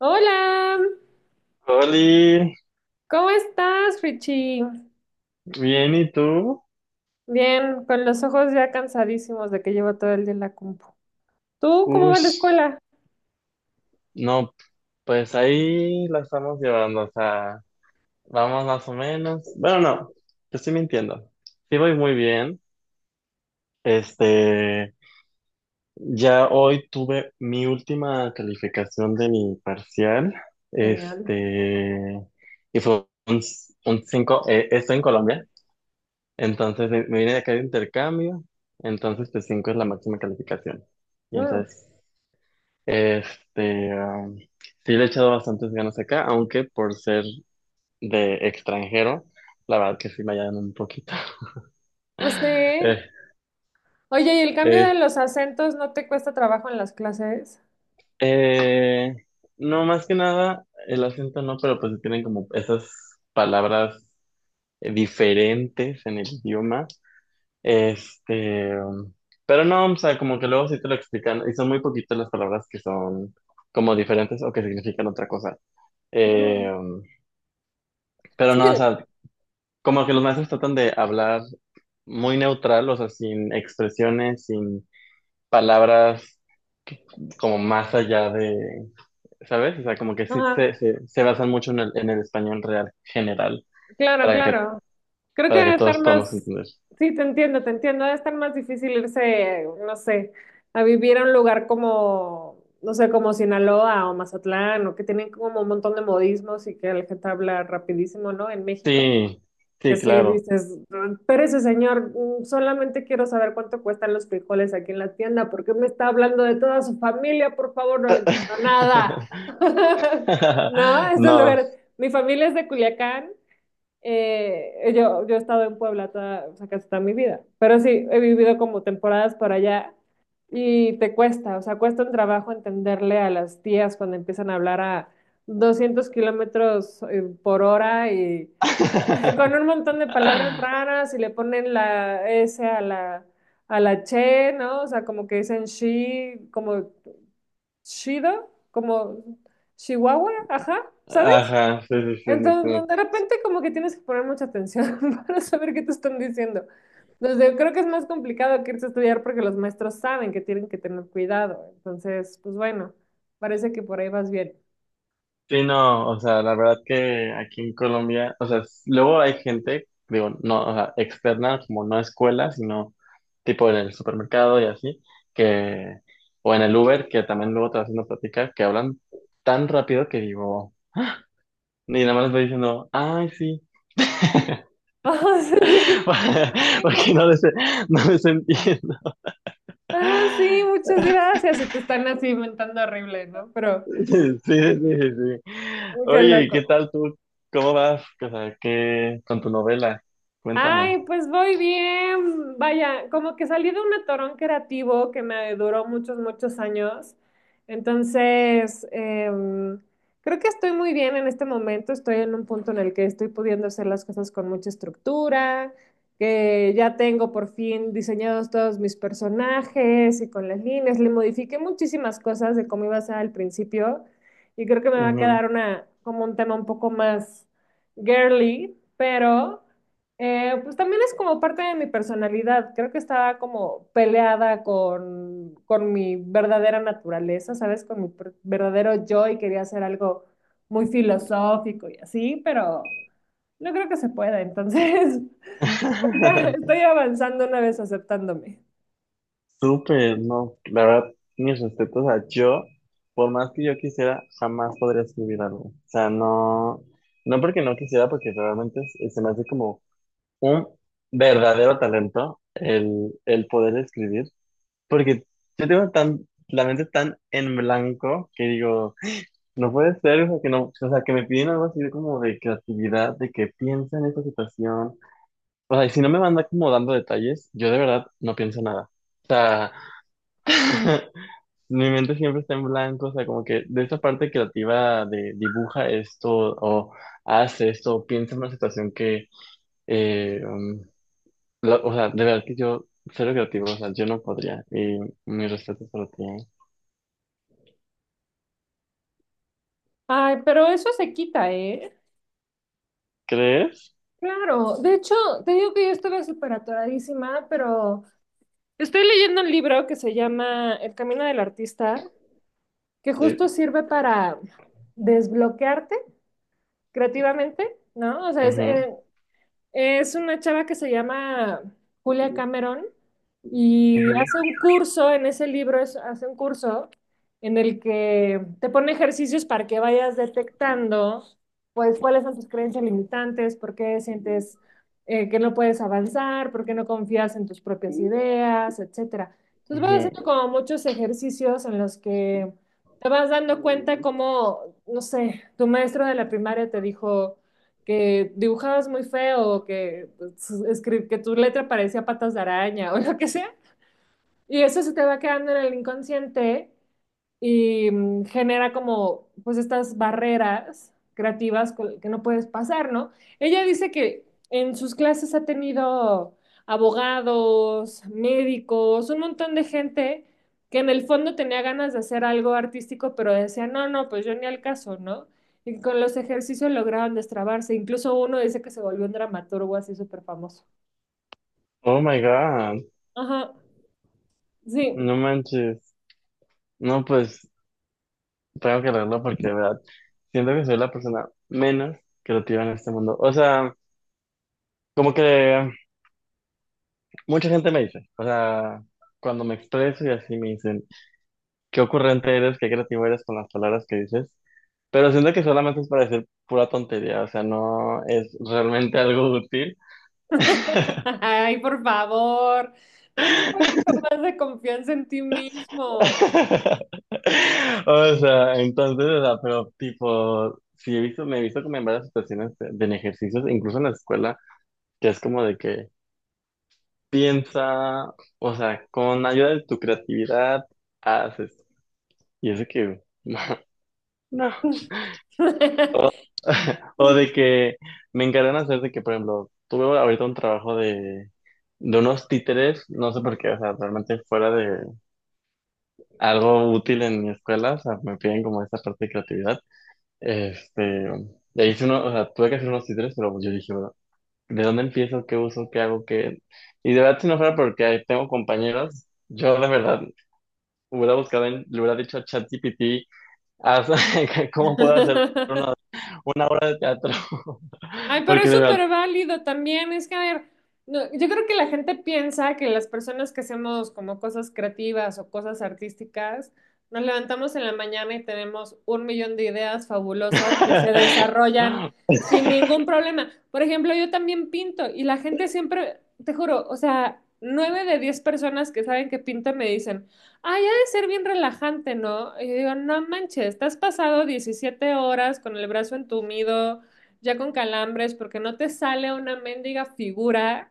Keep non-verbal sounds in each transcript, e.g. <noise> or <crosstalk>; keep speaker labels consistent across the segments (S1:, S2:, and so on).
S1: Hola,
S2: Oli,
S1: ¿cómo estás, Richie?
S2: bien, ¿y tú?
S1: Bien, con los ojos ya cansadísimos de que llevo todo el día en la compu. ¿Tú cómo va la
S2: Ush,
S1: escuela?
S2: no, pues ahí la estamos llevando, o sea, vamos más o menos. Bueno, no, te estoy mintiendo. Sí voy muy bien. Este, ya hoy tuve mi última calificación de mi parcial,
S1: Genial.
S2: este, y fue un, cinco, 5, estoy en Colombia, entonces me vine de acá de intercambio, entonces pues 5 es la máxima calificación. Y
S1: Mm,
S2: entonces... Este, sí le he echado bastantes ganas acá, aunque por ser de extranjero, la verdad que sí me hallan un poquito.
S1: no
S2: <laughs>
S1: sé.
S2: Eh,
S1: Oye, ¿y el cambio de
S2: eh,
S1: los acentos no te cuesta trabajo en las clases?
S2: eh, no, más que nada, el acento no, pero pues tienen como esas palabras diferentes en el idioma. Este, pero no, o sea, como que luego sí te lo explican, y son muy poquitas las palabras que son como diferentes o que significan otra cosa. Eh,
S1: Mm,
S2: um, pero
S1: sí.
S2: no, o sea, como que los maestros tratan de hablar muy neutral, o sea, sin expresiones, sin palabras como más allá de, ¿sabes? O sea, como que sí
S1: Ajá,
S2: se basan mucho en en el español real general
S1: claro,
S2: para que,
S1: claro. Creo que
S2: para que
S1: debe
S2: todos
S1: estar
S2: podamos
S1: más.
S2: entender.
S1: Sí, te entiendo, debe estar más difícil irse, no sé, a vivir a un lugar como, no sé, como Sinaloa o Mazatlán, o que tienen como un montón de modismos y que la gente habla rapidísimo, ¿no? En México,
S2: Sí,
S1: que
S2: sí,
S1: sí
S2: claro.
S1: dices, pero ese señor, solamente quiero saber cuánto cuestan los frijoles aquí en la tienda, porque me está hablando de toda su familia, por favor, no le entiendo nada.
S2: <laughs>
S1: <laughs> No, es un
S2: No.
S1: lugar, mi familia es de Culiacán. Yo he estado en Puebla toda, o sea, casi toda mi vida, pero sí he vivido como temporadas por allá y te cuesta, o sea, cuesta un trabajo entenderle a las tías cuando empiezan a hablar a 200 kilómetros por hora y <laughs> con un
S2: <laughs>
S1: montón de palabras raras y le ponen la S a la che, ¿no? O sea, como que dicen she, como chido, como chihuahua, ajá, ¿sabes?
S2: Ajá, sí, sí, sí, sí,
S1: Entonces, no, de
S2: sí.
S1: repente como que tienes que poner mucha atención <laughs> para saber qué te están diciendo. Entonces, creo que es más complicado que irse a estudiar porque los maestros saben que tienen que tener cuidado. Entonces, pues bueno, parece que por ahí vas bien.
S2: Sí, no, o sea, la verdad que aquí en Colombia, o sea, s- luego hay gente, digo, no, o sea, externa, como no escuela, sino tipo en el supermercado y así, que, o en el Uber, que también luego te vas haciendo plática, que hablan tan rápido que digo, y nada más les voy diciendo, ay, sí,
S1: <laughs> Ajá, sí, sí,
S2: <laughs>
S1: sí.
S2: porque no les entiendo.
S1: Ah, sí, muchas gracias. Y te están así inventando horrible, ¿no? Pero,
S2: Sí, sí, sí, sí. Sí.
S1: qué
S2: Oye, ¿y qué
S1: loco.
S2: tal tú? ¿Cómo vas? O sea, ¿qué con tu novela? Cuéntame.
S1: Ay, pues voy bien. Vaya, como que salí de un atorón creativo que me duró muchos, muchos años. Entonces, creo que estoy muy bien en este momento. Estoy en un punto en el que estoy pudiendo hacer las cosas con mucha estructura, que ya tengo por fin diseñados todos mis personajes y con las líneas. Le modifiqué muchísimas cosas de cómo iba a ser al principio y creo que me va a quedar una, como un tema un poco más girly, pero. Pues también es como parte de mi personalidad. Creo que estaba como peleada con mi verdadera naturaleza, ¿sabes? Con mi verdadero yo y quería hacer algo muy filosófico y así, pero no creo que se pueda. Entonces, <laughs> ya estoy
S2: <laughs>
S1: avanzando una vez aceptándome.
S2: Súper, no, la verdad, mis respetos, o sea, yo, por más que yo quisiera, jamás podría escribir algo. O sea, no, no porque no quisiera, porque realmente es- se me hace como un verdadero talento el poder escribir, porque yo tengo tan, la mente tan en blanco que digo, no puede ser, o sea, que no, o sea, que me piden algo así de como de creatividad, de que piensa en esta situación. O sea, y si no me van acomodando detalles, yo de verdad no pienso nada. O sea, <laughs> mi mente siempre está en blanco, o sea, como que de esa parte creativa de dibuja esto o hace esto, o piensa en una situación que, eh, um, la- o sea, de verdad que yo, cero creativo, o sea, yo no podría. Y mi respeto para ti. ¿Eh?
S1: Ay, pero eso se quita, ¿eh?
S2: ¿Crees?
S1: Claro, de hecho, te digo que yo estuve súper atoradísima, pero estoy leyendo un libro que se llama El Camino del Artista que
S2: Sí.
S1: justo sirve para desbloquearte creativamente, ¿no? O sea,
S2: Ujú,
S1: es una chava que se llama Julia Cameron y
S2: ujú,
S1: hace un curso, en ese libro hace un curso en el que te pone ejercicios para que vayas detectando, pues, cuáles son tus creencias limitantes, por qué sientes que no puedes avanzar, por qué no confías en tus propias ideas, etcétera. Entonces vas
S2: ujú.
S1: haciendo como muchos ejercicios en los que te vas dando cuenta cómo, no sé, tu maestro de la primaria te dijo que dibujabas muy feo, que, pues, que tu letra parecía patas de araña <laughs> o lo que sea. Y eso se te va quedando en el inconsciente y genera como pues estas barreras creativas que no puedes pasar, ¿no? Ella dice que en sus clases ha tenido abogados, médicos, un montón de gente que en el fondo tenía ganas de hacer algo artístico, pero decía, no, no, pues yo ni al caso, ¿no? Y con los ejercicios lograron destrabarse. Incluso uno dice que se volvió un dramaturgo así súper famoso.
S2: Oh my God,
S1: Ajá, sí.
S2: no manches. No, pues tengo que leerlo porque de verdad siento que soy la persona menos creativa en este mundo. O sea, como que. Mucha gente me dice, o sea, cuando me expreso y así me dicen, qué ocurrente eres, qué creativo eres con las palabras que dices, pero siento que solamente es para decir pura tontería, o sea, no es realmente algo útil.
S1: <laughs> Ay, por favor, ten un poquito más de confianza en ti mismo.
S2: <laughs> O sea, entonces, o sea, pero tipo, sí he visto, me he visto como en varias situaciones de, en ejercicios, incluso en la escuela, que es como de que piensa, o sea, con ayuda de tu creatividad, haces, y eso que... <laughs> No. <laughs> O de
S1: <laughs>
S2: que me encargan hacer de que, por ejemplo, tuve ahorita un trabajo de unos títeres, no sé por qué, o sea, realmente fuera de algo útil en mi escuela, o sea, me piden como esa parte de creatividad. Este, y hice uno, o sea, tuve que hacer unos títeres, pero yo dije, bueno, ¿de dónde empiezo? ¿Qué uso? ¿Qué hago? ¿Qué? Y de verdad, si no fuera porque tengo compañeros, yo de verdad hubiera buscado, en, le hubiera dicho a ChatGPT, haz- <laughs> ¿cómo puedo hacer una obra de teatro?
S1: Ay,
S2: <laughs>
S1: pero
S2: Porque
S1: es
S2: de verdad
S1: súper válido también. Es que, a ver, no, yo creo que la gente piensa que las personas que hacemos como cosas creativas o cosas artísticas, nos levantamos en la mañana y tenemos un millón de ideas fabulosas que se
S2: <laughs>
S1: desarrollan sin ningún problema. Por ejemplo, yo también pinto y la gente siempre, te juro, o sea, 9 de 10 personas que saben que pinto me dicen, ay, ha de ser bien relajante, ¿no? Y yo digo, no manches, te has pasado 17 horas con el brazo entumido ya con calambres, porque no te sale una mendiga figura,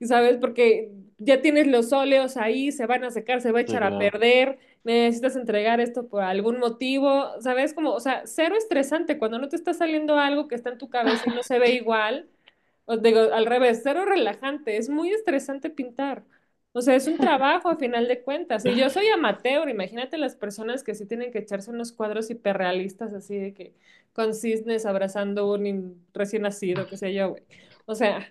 S1: ¿sabes? Porque ya tienes los óleos ahí, se van a secar, se va a
S2: sí,
S1: echar a
S2: claro.
S1: perder, necesitas entregar esto por algún motivo, ¿sabes? Como, o sea, cero estresante cuando no te está saliendo algo que está en tu cabeza y no se ve igual. Os digo, al revés, cero relajante, es muy estresante pintar. O sea, es un trabajo a final de cuentas. Y yo soy amateur, imagínate las personas que sí tienen que echarse unos cuadros hiperrealistas así de que con cisnes abrazando un recién nacido, qué sé yo, güey. O sea,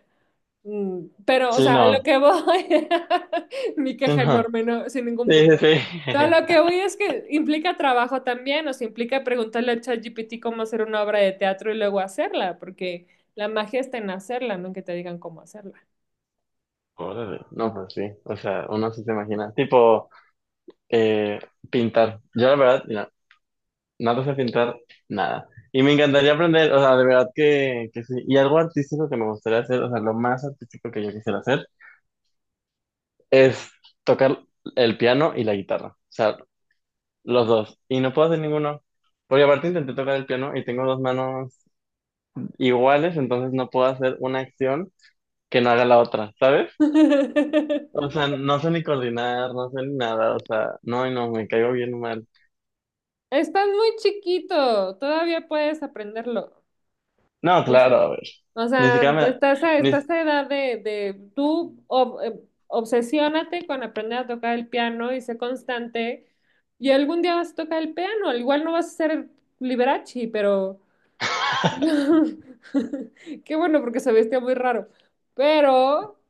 S1: pero, o
S2: Sí,
S1: sea, a lo
S2: no.
S1: que voy, <laughs> mi
S2: Sí,
S1: queja
S2: no.
S1: enorme, no, sin ningún
S2: Sí, sí,
S1: punto.
S2: sí.
S1: No, a lo que voy es que implica trabajo también, o sea, implica preguntarle a ChatGPT cómo hacer una obra de teatro y luego hacerla, porque la magia está en hacerla, no en que te digan cómo hacerla.
S2: <laughs> Órale. No, pues sí. O sea, uno sí se imagina. Tipo, eh, pintar. Yo la verdad, mira, nada sé pintar nada. Y me encantaría aprender, o sea, de verdad que sí. Y algo artístico que me gustaría hacer, o sea, lo más artístico que yo quisiera hacer es tocar el piano y la guitarra. O sea, los dos. Y no puedo hacer ninguno. Porque aparte intenté tocar el piano y tengo dos manos iguales, entonces no puedo hacer una acción que no haga la otra, ¿sabes? O
S1: <laughs>
S2: sea, no sé ni coordinar, no sé ni nada, o sea, no, y no, me caigo bien mal.
S1: Estás muy chiquito, todavía puedes aprenderlo.
S2: No, claro, a ver,
S1: O
S2: ni
S1: sea,
S2: siquiera me...
S1: estás a,
S2: Ni...
S1: estás a edad de tú obsesiónate con aprender a tocar el piano y sé constante. Y algún día vas a tocar el piano. Al igual no vas a ser Liberace, pero
S2: <laughs>
S1: <laughs> qué bueno porque se vestía muy raro. Pero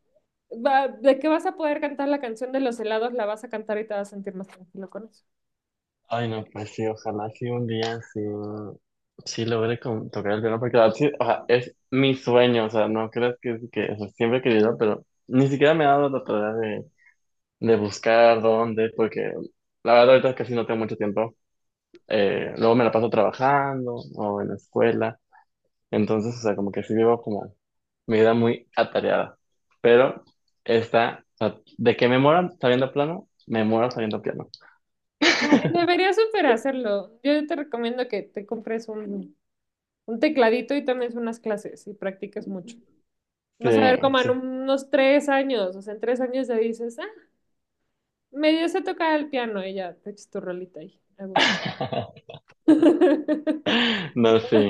S1: de que vas a poder cantar la canción de los helados, la vas a cantar y te vas a sentir más tranquilo con eso.
S2: Ay, no, pues sí, ojalá sí un día sí, sí logre con- tocar el piano, porque la verdad sí, o sea, es mi sueño, o sea, no creas que o sea, siempre he querido, pero ni siquiera me he dado la tarea de, buscar dónde, porque la verdad ahorita casi no tengo mucho tiempo.
S1: Sí.
S2: Luego me la paso trabajando o en la escuela. Entonces, o sea, como que sí vivo como mi vida muy atareada. Pero esta, o sea, de que me muera sabiendo plano, me muero sabiendo piano.
S1: Ay, deberías super hacerlo. Yo te recomiendo que te compres un tecladito y también unas clases y practicas mucho.
S2: Sí,
S1: Vas a ver como en
S2: sí.
S1: unos 3 años, o sea, en 3 años ya dices, ah, medio sé tocar el piano y ya te echas tu rolita ahí, a gusto.
S2: <laughs>
S1: <laughs>
S2: No, sí.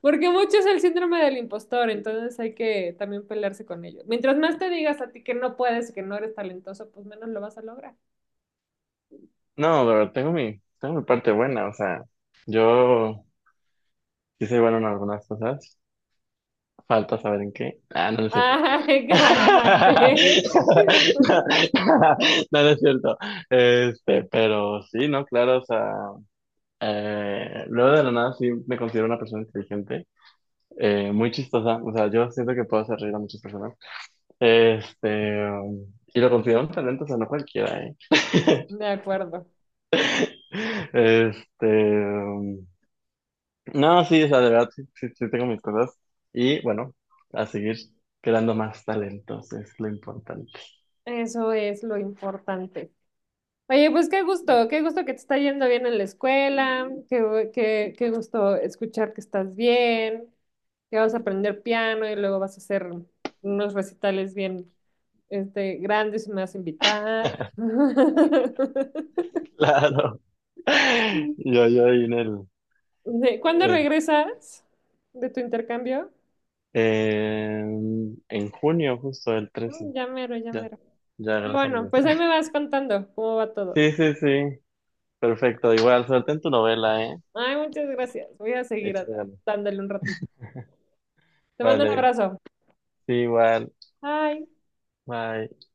S1: Porque mucho es el síndrome del impostor, entonces hay que también pelearse con ello. Mientras más te digas a ti que no puedes, que no eres talentoso, pues menos lo vas a lograr.
S2: No, pero tengo mi parte buena, o sea, yo sí soy bueno en algunas cosas. Falta saber en qué. Ah, no, no es cierto.
S1: Ay, cálmate. <laughs>
S2: <laughs> No, no es cierto. Este, pero sí, no, claro, o sea. Luego de la nada sí me considero una persona inteligente, muy chistosa, o sea, yo siento que puedo hacer reír a muchas personas. Este, y lo considero un talento, o sea, no cualquiera, ¿eh? <laughs>
S1: De acuerdo.
S2: Este, um, no, sí, o sea, de verdad sí, sí, sí tengo mis cosas. Y bueno, a seguir creando más talentos es lo importante. <laughs>
S1: Eso es lo importante. Oye, pues qué gusto que te está yendo bien en la escuela, qué gusto escuchar que estás bien, que vas a aprender piano y luego vas a hacer unos recitales bien, este, grandes y me vas a invitar. <laughs>
S2: Claro. Yo ahí en el,
S1: ¿Cuándo
S2: eh,
S1: regresas de tu intercambio?
S2: en junio, justo el 13.
S1: Ya mero, ya
S2: Ya,
S1: mero.
S2: ya,
S1: Ah,
S2: gracias a
S1: bueno,
S2: Dios.
S1: pues ahí me vas contando cómo va todo.
S2: Sí, sí, sí. Perfecto. Igual, suerte en tu novela, ¿eh?
S1: Ay, muchas gracias. Voy a seguir
S2: Échate ganas.
S1: dándole un ratito. Te mando un
S2: Vale.
S1: abrazo.
S2: Sí, igual.
S1: Bye.
S2: Bye.